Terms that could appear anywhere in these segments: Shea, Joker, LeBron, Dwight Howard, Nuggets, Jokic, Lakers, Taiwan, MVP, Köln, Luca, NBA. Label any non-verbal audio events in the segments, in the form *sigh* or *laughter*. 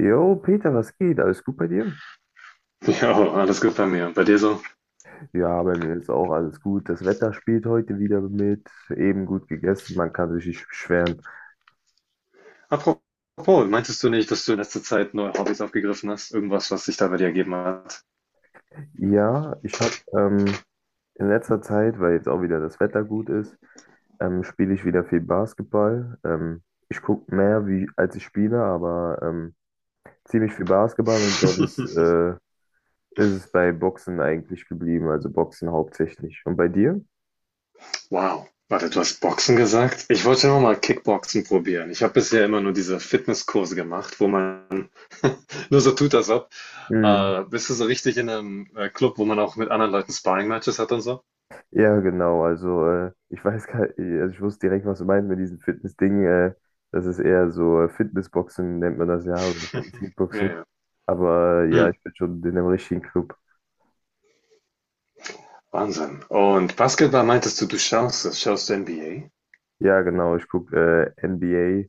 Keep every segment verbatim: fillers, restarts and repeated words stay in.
Jo, Peter, was geht? Alles gut bei dir? Ja, alles gut bei mir. Bei dir so? Ja, bei mir ist auch alles gut. Das Wetter spielt heute wieder mit. Eben gut gegessen, man kann sich nicht beschweren. Apropos, meintest du nicht, dass du in letzter Zeit neue Hobbys aufgegriffen hast? Irgendwas, was sich da bei dir ergeben hat? Ja, ich habe ähm, in letzter Zeit, weil jetzt auch wieder das Wetter gut ist, ähm, spiele ich wieder viel Basketball. Ähm, ich gucke mehr, wie, als ich spiele, aber ähm, ziemlich viel Basketball und sonst *laughs* äh, ist es bei Boxen eigentlich geblieben, also Boxen hauptsächlich. Und bei dir? Wow. Warte, du hast Boxen gesagt? Ich wollte noch mal Kickboxen probieren. Ich habe bisher immer nur diese Fitnesskurse gemacht, wo man nur so tut, als ob. Äh, bist du so richtig in einem äh, Club, wo man auch mit anderen Leuten Sparring-Matches hat und so? Ja, genau. Also, äh, ich weiß gar also ich wusste direkt, was du meinst mit diesem Fitness-Ding. Äh, das ist eher so äh, Fitnessboxen, nennt man das ja, oder *laughs* Ja, Fitness-Kickboxen. ja. Aber äh, ja, Hm, ich bin schon in einem richtigen Club. Wahnsinn. Und Basketball meintest du, du schaust es? Schaust du N B A? Ja, genau. Ich gucke äh, N B A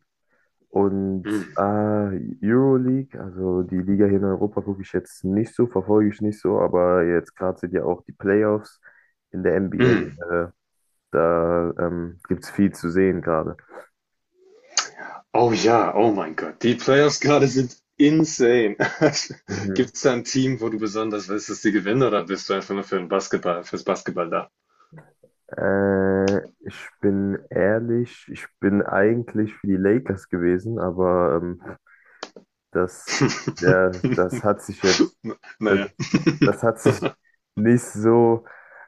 und Hm, äh, Euroleague. Also, die Liga hier in Europa gucke ich jetzt nicht so, verfolge ich nicht so. Aber jetzt gerade sind ja auch die Playoffs in der hm. N B A. Äh, da ähm, gibt es viel zu sehen gerade. Oh ja, oh mein Gott, die Playoffs gerade sind insane. *laughs* Gibt es da ein Team, wo du besonders willst, dass die gewinnen, oder bist du einfach nur für den Basketball, fürs Basketball da? Äh, ich bin ehrlich, ich bin eigentlich für die Lakers gewesen, aber ähm, das, *laughs* ja, das hat sich jetzt, das, Naja. das hat sich nicht so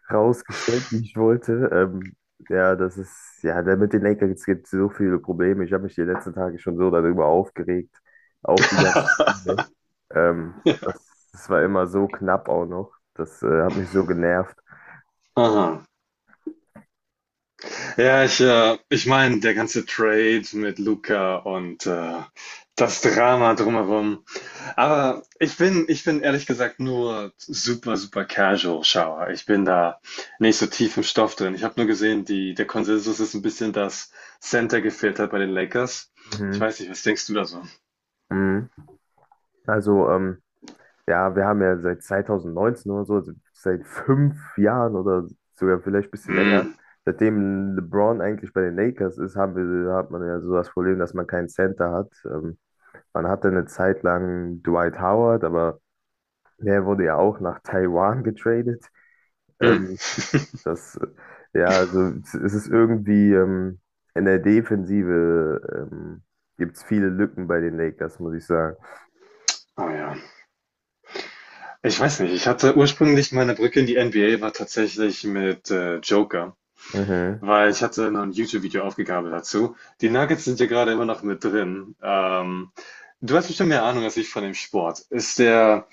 rausgestellt, wie ich wollte. Ähm, ja, das ist, ja, da mit den Lakers gibt es so viele Probleme. Ich habe mich die letzten Tage schon so darüber aufgeregt, auch die ganzen *laughs* Spiele. Ähm, das, das war immer so knapp auch noch. Das äh, hat mich so genervt. Aha. Ja, ich, äh, ich meine, der ganze Trade mit Luca und äh, das Drama drumherum. Aber ich bin, ich bin ehrlich gesagt nur super, super casual Schauer. Ich bin da nicht so tief im Stoff drin. Ich habe nur gesehen, die, der Konsensus ist ein bisschen, dass Center gefehlt hat bei den Lakers. Ich Mhm. weiß nicht, was denkst du da so? Mhm. Also, ähm, ja, wir haben ja seit zwanzig neunzehn oder so, also seit fünf Jahren oder sogar vielleicht ein bisschen länger, Mm, seitdem LeBron eigentlich bei den Lakers ist, haben wir, hat man ja so das Problem, dass man keinen Center hat. Ähm, man hatte eine Zeit lang Dwight Howard, aber der wurde ja auch nach Taiwan getradet. mm. Ähm, das, äh, ja, also es es ist irgendwie ähm, in der Defensive ähm, gibt es viele Lücken bei den Lakers, muss ich sagen. Oh ja. Ich weiß nicht. Ich hatte ursprünglich meine Brücke in die N B A war tatsächlich mit äh, Joker, Mhm. weil ich hatte noch ein YouTube-Video aufgegabelt dazu. Die Nuggets sind ja gerade immer noch mit drin. Ähm, du hast bestimmt mehr Ahnung als ich von dem Sport. Ist der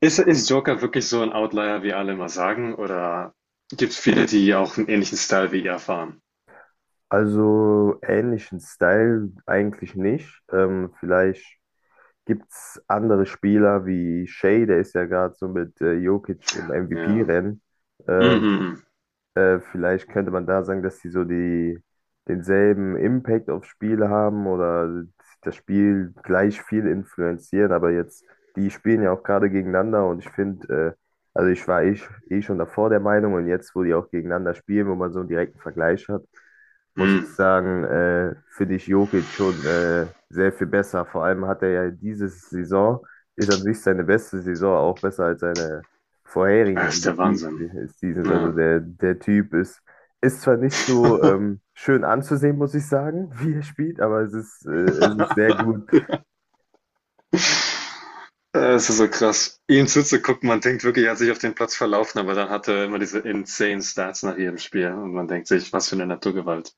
Ist, ist Joker wirklich so ein Outlier, wie alle immer sagen? Oder gibt es viele, die auch einen ähnlichen Style wie ihr fahren? Also ähnlichen Style eigentlich nicht. Ähm, vielleicht gibt es andere Spieler wie Shea, der ist ja gerade so mit äh, Jokic im Ja. M V P-Rennen. Mm, mm, Äh, vielleicht könnte man da sagen, dass sie so die denselben Impact aufs Spiel haben oder das Spiel gleich viel influenzieren, aber jetzt, die spielen ja auch gerade gegeneinander und ich finde, äh, also ich war eh, sch- eh schon davor der Meinung und jetzt, wo die auch gegeneinander spielen, wo man so einen direkten Vergleich hat, mm. muss ich Mm. sagen, äh, finde ich Jokic schon äh, sehr viel besser. Vor allem hat er ja diese Saison, ist an sich seine beste Saison, auch besser als seine vorherigen Das ist der M V P Wahnsinn. des Seasons. Also Ja. der, der Typ ist, ist zwar nicht so *laughs* ähm, schön anzusehen, muss ich sagen, *laughs* wie er spielt, aber es ist, äh, es ist sehr gut. Es ist so krass, ihm zuzugucken. Man denkt wirklich, er hat sich auf den Platz verlaufen, aber dann hat er immer diese insane Stats nach jedem Spiel und man denkt sich, was für eine Naturgewalt.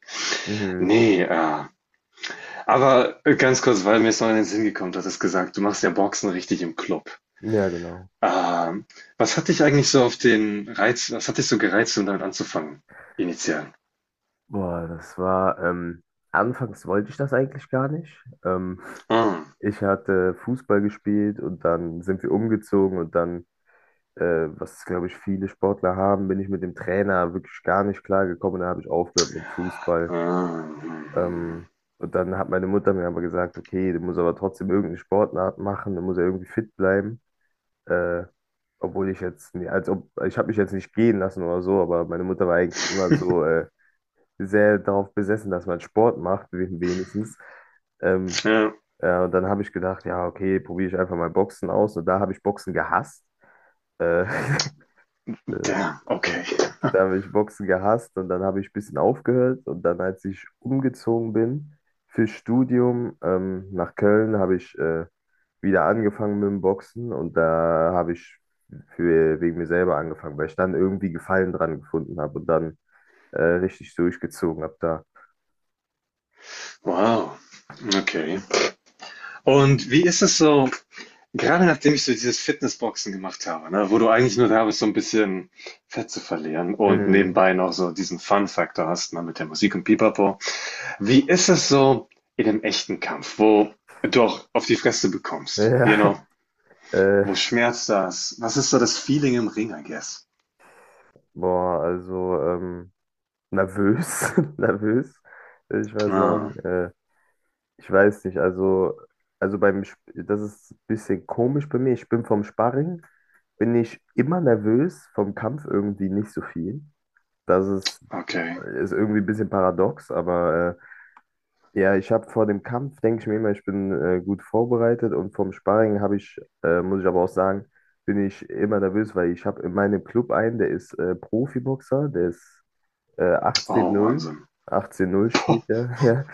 Mhm. Nee, äh, aber ganz kurz, weil mir es noch in den Sinn gekommen hat, es gesagt, du machst ja Boxen richtig im Club. Ja, genau. Ah, was hat dich eigentlich so auf den Reiz was hat dich so gereizt, um damit anzufangen, initial? Boah, das war, ähm, anfangs wollte ich das eigentlich gar nicht. Ähm, Ah, Ich hatte Fußball gespielt und dann sind wir umgezogen und dann, äh, was glaube ich viele Sportler haben, bin ich mit dem Trainer wirklich gar nicht klar gekommen. Da habe ich aufgehört mit Fußball. ah, mhm. Ähm, und dann hat meine Mutter mir aber gesagt, okay, du musst aber trotzdem irgendeine Sportart machen, du musst ja irgendwie fit bleiben. Äh, Obwohl ich jetzt, nie- als ob, ich habe mich jetzt nicht gehen lassen oder so, aber meine Mutter war eigentlich immer *laughs* so äh, sehr darauf besessen, dass man Sport macht, wen- wenigstens. Ähm, Ja, ja, und dann habe ich gedacht, ja, okay, probiere ich einfach mal Boxen aus. Und da habe ich Boxen gehasst. Äh, *laughs* Äh, damn, äh, okay. Da habe ich Boxen gehasst und dann habe ich ein bisschen aufgehört. Und dann, als ich umgezogen bin fürs Studium ähm, nach Köln, habe ich äh, wieder angefangen mit dem Boxen und da habe ich für, wegen mir selber angefangen, weil ich dann irgendwie Gefallen dran gefunden habe und dann äh, richtig durchgezogen habe da. Wow, okay. Und wie ist es so, gerade nachdem ich so dieses Fitnessboxen gemacht habe, ne, wo du eigentlich nur da bist, so ein bisschen Fett zu verlieren und Mhm. nebenbei noch so diesen Fun-Faktor hast, ne, mit der Musik und Pipapo. Wie ist es so in dem echten Kampf, wo du auch auf die Fresse bekommst, you Ja, know? *laughs* äh, Wo schmerzt das? Was ist so das Feeling im Ring, I guess? boah, also ähm, nervös, *laughs* nervös, würde ich mal Ah, sagen. Äh, Ich weiß nicht, also, also beim, Sp- das ist ein bisschen komisch bei mir. Ich bin vom Sparring, bin ich immer nervös, vom Kampf irgendwie nicht so viel. Das ist, okay. ist irgendwie ein bisschen paradox, aber äh, ja, ich habe vor dem Kampf, denke ich mir immer, ich bin äh, gut vorbereitet und vom Sparring habe ich, äh, muss ich aber auch sagen, bin ich immer nervös, weil ich habe in meinem Club einen, der ist äh, Profiboxer, der ist äh, Oh, achtzehn null, Wahnsinn. achtzehn null *laughs* Boah, steht der, *laughs* ja.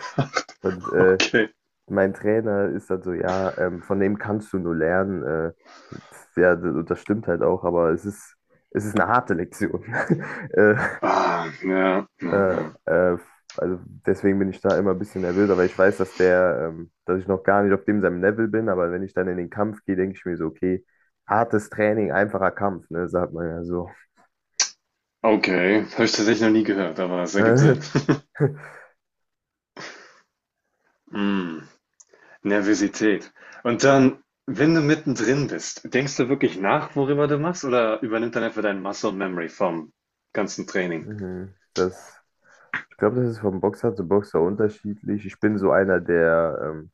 Und äh, okay. mein Trainer ist dann so, ja, ähm, von dem kannst du nur lernen. Äh, pf, ja, das, das stimmt halt auch, aber es ist, es ist eine harte Lektion. *laughs* äh, Ah, ja, ja, äh, ja. äh, also deswegen bin ich da immer ein bisschen nervös, aber ich weiß, dass der, ähm, dass ich noch gar nicht auf dem seinem Level bin, aber wenn ich dann in den Kampf gehe, denke ich mir so, okay, hartes Training, einfacher Kampf, ne, sagt man ja so. Okay, habe ich tatsächlich noch nie gehört, aber es ergibt Sinn. Äh, *laughs* *laughs* Mm, Nervosität. Und dann, wenn du mittendrin bist, denkst du wirklich nach, worüber du machst, oder übernimmt dann einfach dein Muscle Memory vom ganzen Training? Mhm, das, ich glaube, das ist vom Boxer zu Boxer unterschiedlich. Ich bin so einer, der, ähm,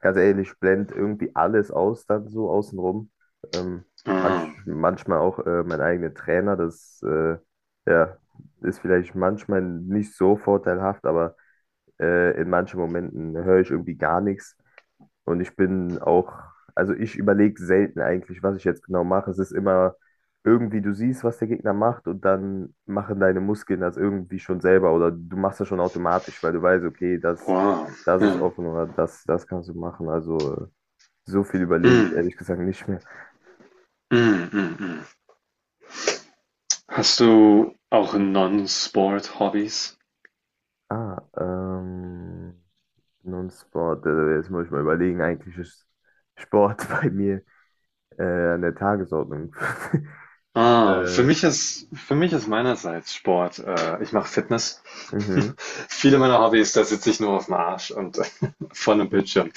ganz ehrlich, ich blende irgendwie alles aus, dann so außenrum. Ähm, Ah, manch, manchmal auch äh, mein eigener Trainer, das äh, ja, ist vielleicht manchmal nicht so vorteilhaft, aber äh, in manchen Momenten höre ich irgendwie gar nichts. Und ich bin auch, also ich überlege selten eigentlich, was ich jetzt genau mache. Es ist immer irgendwie, du siehst, was der Gegner macht und dann machen deine Muskeln das irgendwie schon selber oder du machst das schon automatisch, weil du weißt, okay, das. wow. Das Ja. ist offen oder das, das kannst du machen. Also so viel überlege ich Mm, ehrlich gesagt nicht mehr. mm, mm, mm. Hast du auch Non-Sport-Hobbys? Ah, ähm, Non-Sport. Also jetzt muss ich mal überlegen. Eigentlich ist Sport *laughs* bei mir äh, an der Tagesordnung. *laughs* Ah, für äh, mich ist, für mich ist meinerseits Sport. Äh, ich mache Fitness. *laughs* mhm. Viele meiner Hobbys, da sitze ich nur auf dem Arsch und *laughs* äh, vor einem Bildschirm,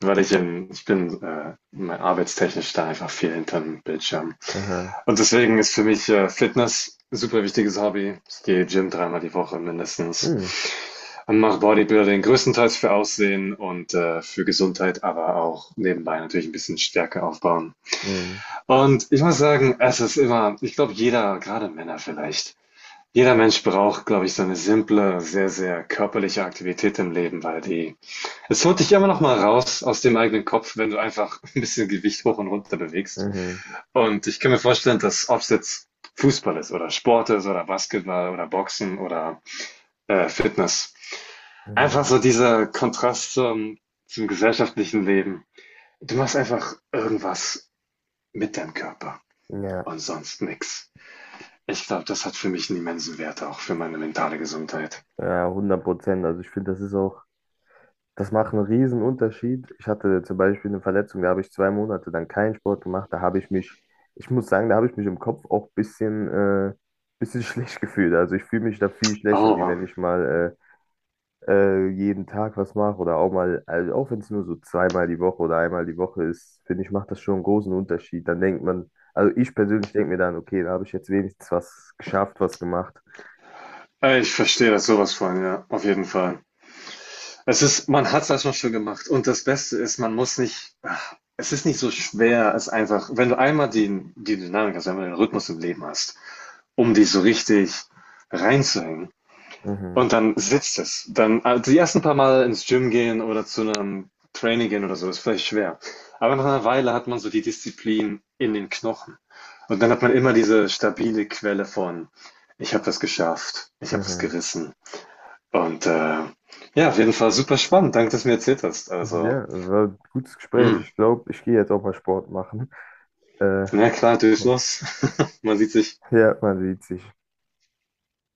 weil ich in, ich bin äh, mein- arbeitstechnisch da einfach viel hinterm Bildschirm. Aha. Und deswegen ist für mich äh, Fitness ein super wichtiges Hobby. Ich gehe Gym dreimal die Woche mindestens Mhm. und mache Bodybuilding größtenteils für Aussehen und äh, für Gesundheit, aber auch nebenbei natürlich ein bisschen Stärke aufbauen. Mhm. Und ich muss sagen, es ist immer ich glaube, jeder, gerade Männer vielleicht jeder Mensch braucht, glaube ich, so eine simple, sehr, sehr körperliche Aktivität im Leben, weil die es holt dich immer noch mal raus aus dem eigenen Kopf, wenn du einfach *laughs* ein bisschen Gewicht hoch und runter bewegst. Mhm. Und ich kann mir vorstellen, dass ob es jetzt Fußball ist oder Sport ist oder Basketball oder Boxen oder, äh, Fitness, einfach Mhm. so dieser Kontrast zum zum gesellschaftlichen Leben. Du machst einfach irgendwas mit deinem Körper Ja, und sonst nix. Ich glaube, das hat für mich einen immensen Wert, auch für meine mentale Gesundheit. ja, hundert Prozent. Also ich finde, das ist auch, das macht einen riesen Unterschied. Ich hatte zum Beispiel eine Verletzung, da habe ich zwei Monate dann keinen Sport gemacht. Da habe ich mich, ich muss sagen, da habe ich mich im Kopf auch ein bisschen, äh, bisschen *laughs* schlecht gefühlt. Also ich fühle mich da viel schlechter, wie Aber wenn ich mal äh, äh, jeden Tag was mache oder auch mal, also auch wenn es nur so zweimal die Woche oder einmal die Woche ist, finde ich, macht das schon einen großen Unterschied. Dann denkt man, also ich persönlich denke mir dann, okay, da habe ich jetzt wenigstens was geschafft, was gemacht. äh, ich verstehe das sowas von, ja, auf jeden Fall. Es ist, man hat es erstmal schon gemacht und das Beste ist, man muss nicht, ach, es ist nicht so schwer, es einfach, wenn du einmal die, die Dynamik hast, einmal den Rhythmus im Leben hast, um dich so richtig reinzuhängen Mhm, und dann sitzt es. Dann, also die ersten paar Mal ins Gym gehen oder zu einem Training gehen oder so, ist vielleicht schwer. Aber nach einer Weile hat man so die Disziplin in den Knochen. Und dann hat man immer diese stabile Quelle von, ich habe das geschafft, ich habe das mhm. gerissen. Und äh, ja, auf jeden Fall super spannend. Danke, dass du mir erzählt hast. Also, Ja, war ein gutes Gespräch. mh, Ich glaube, ich gehe jetzt auch mal Sport machen. Äh, na klar, durchs Los. *laughs* Man sieht sich. ja, man sieht sich.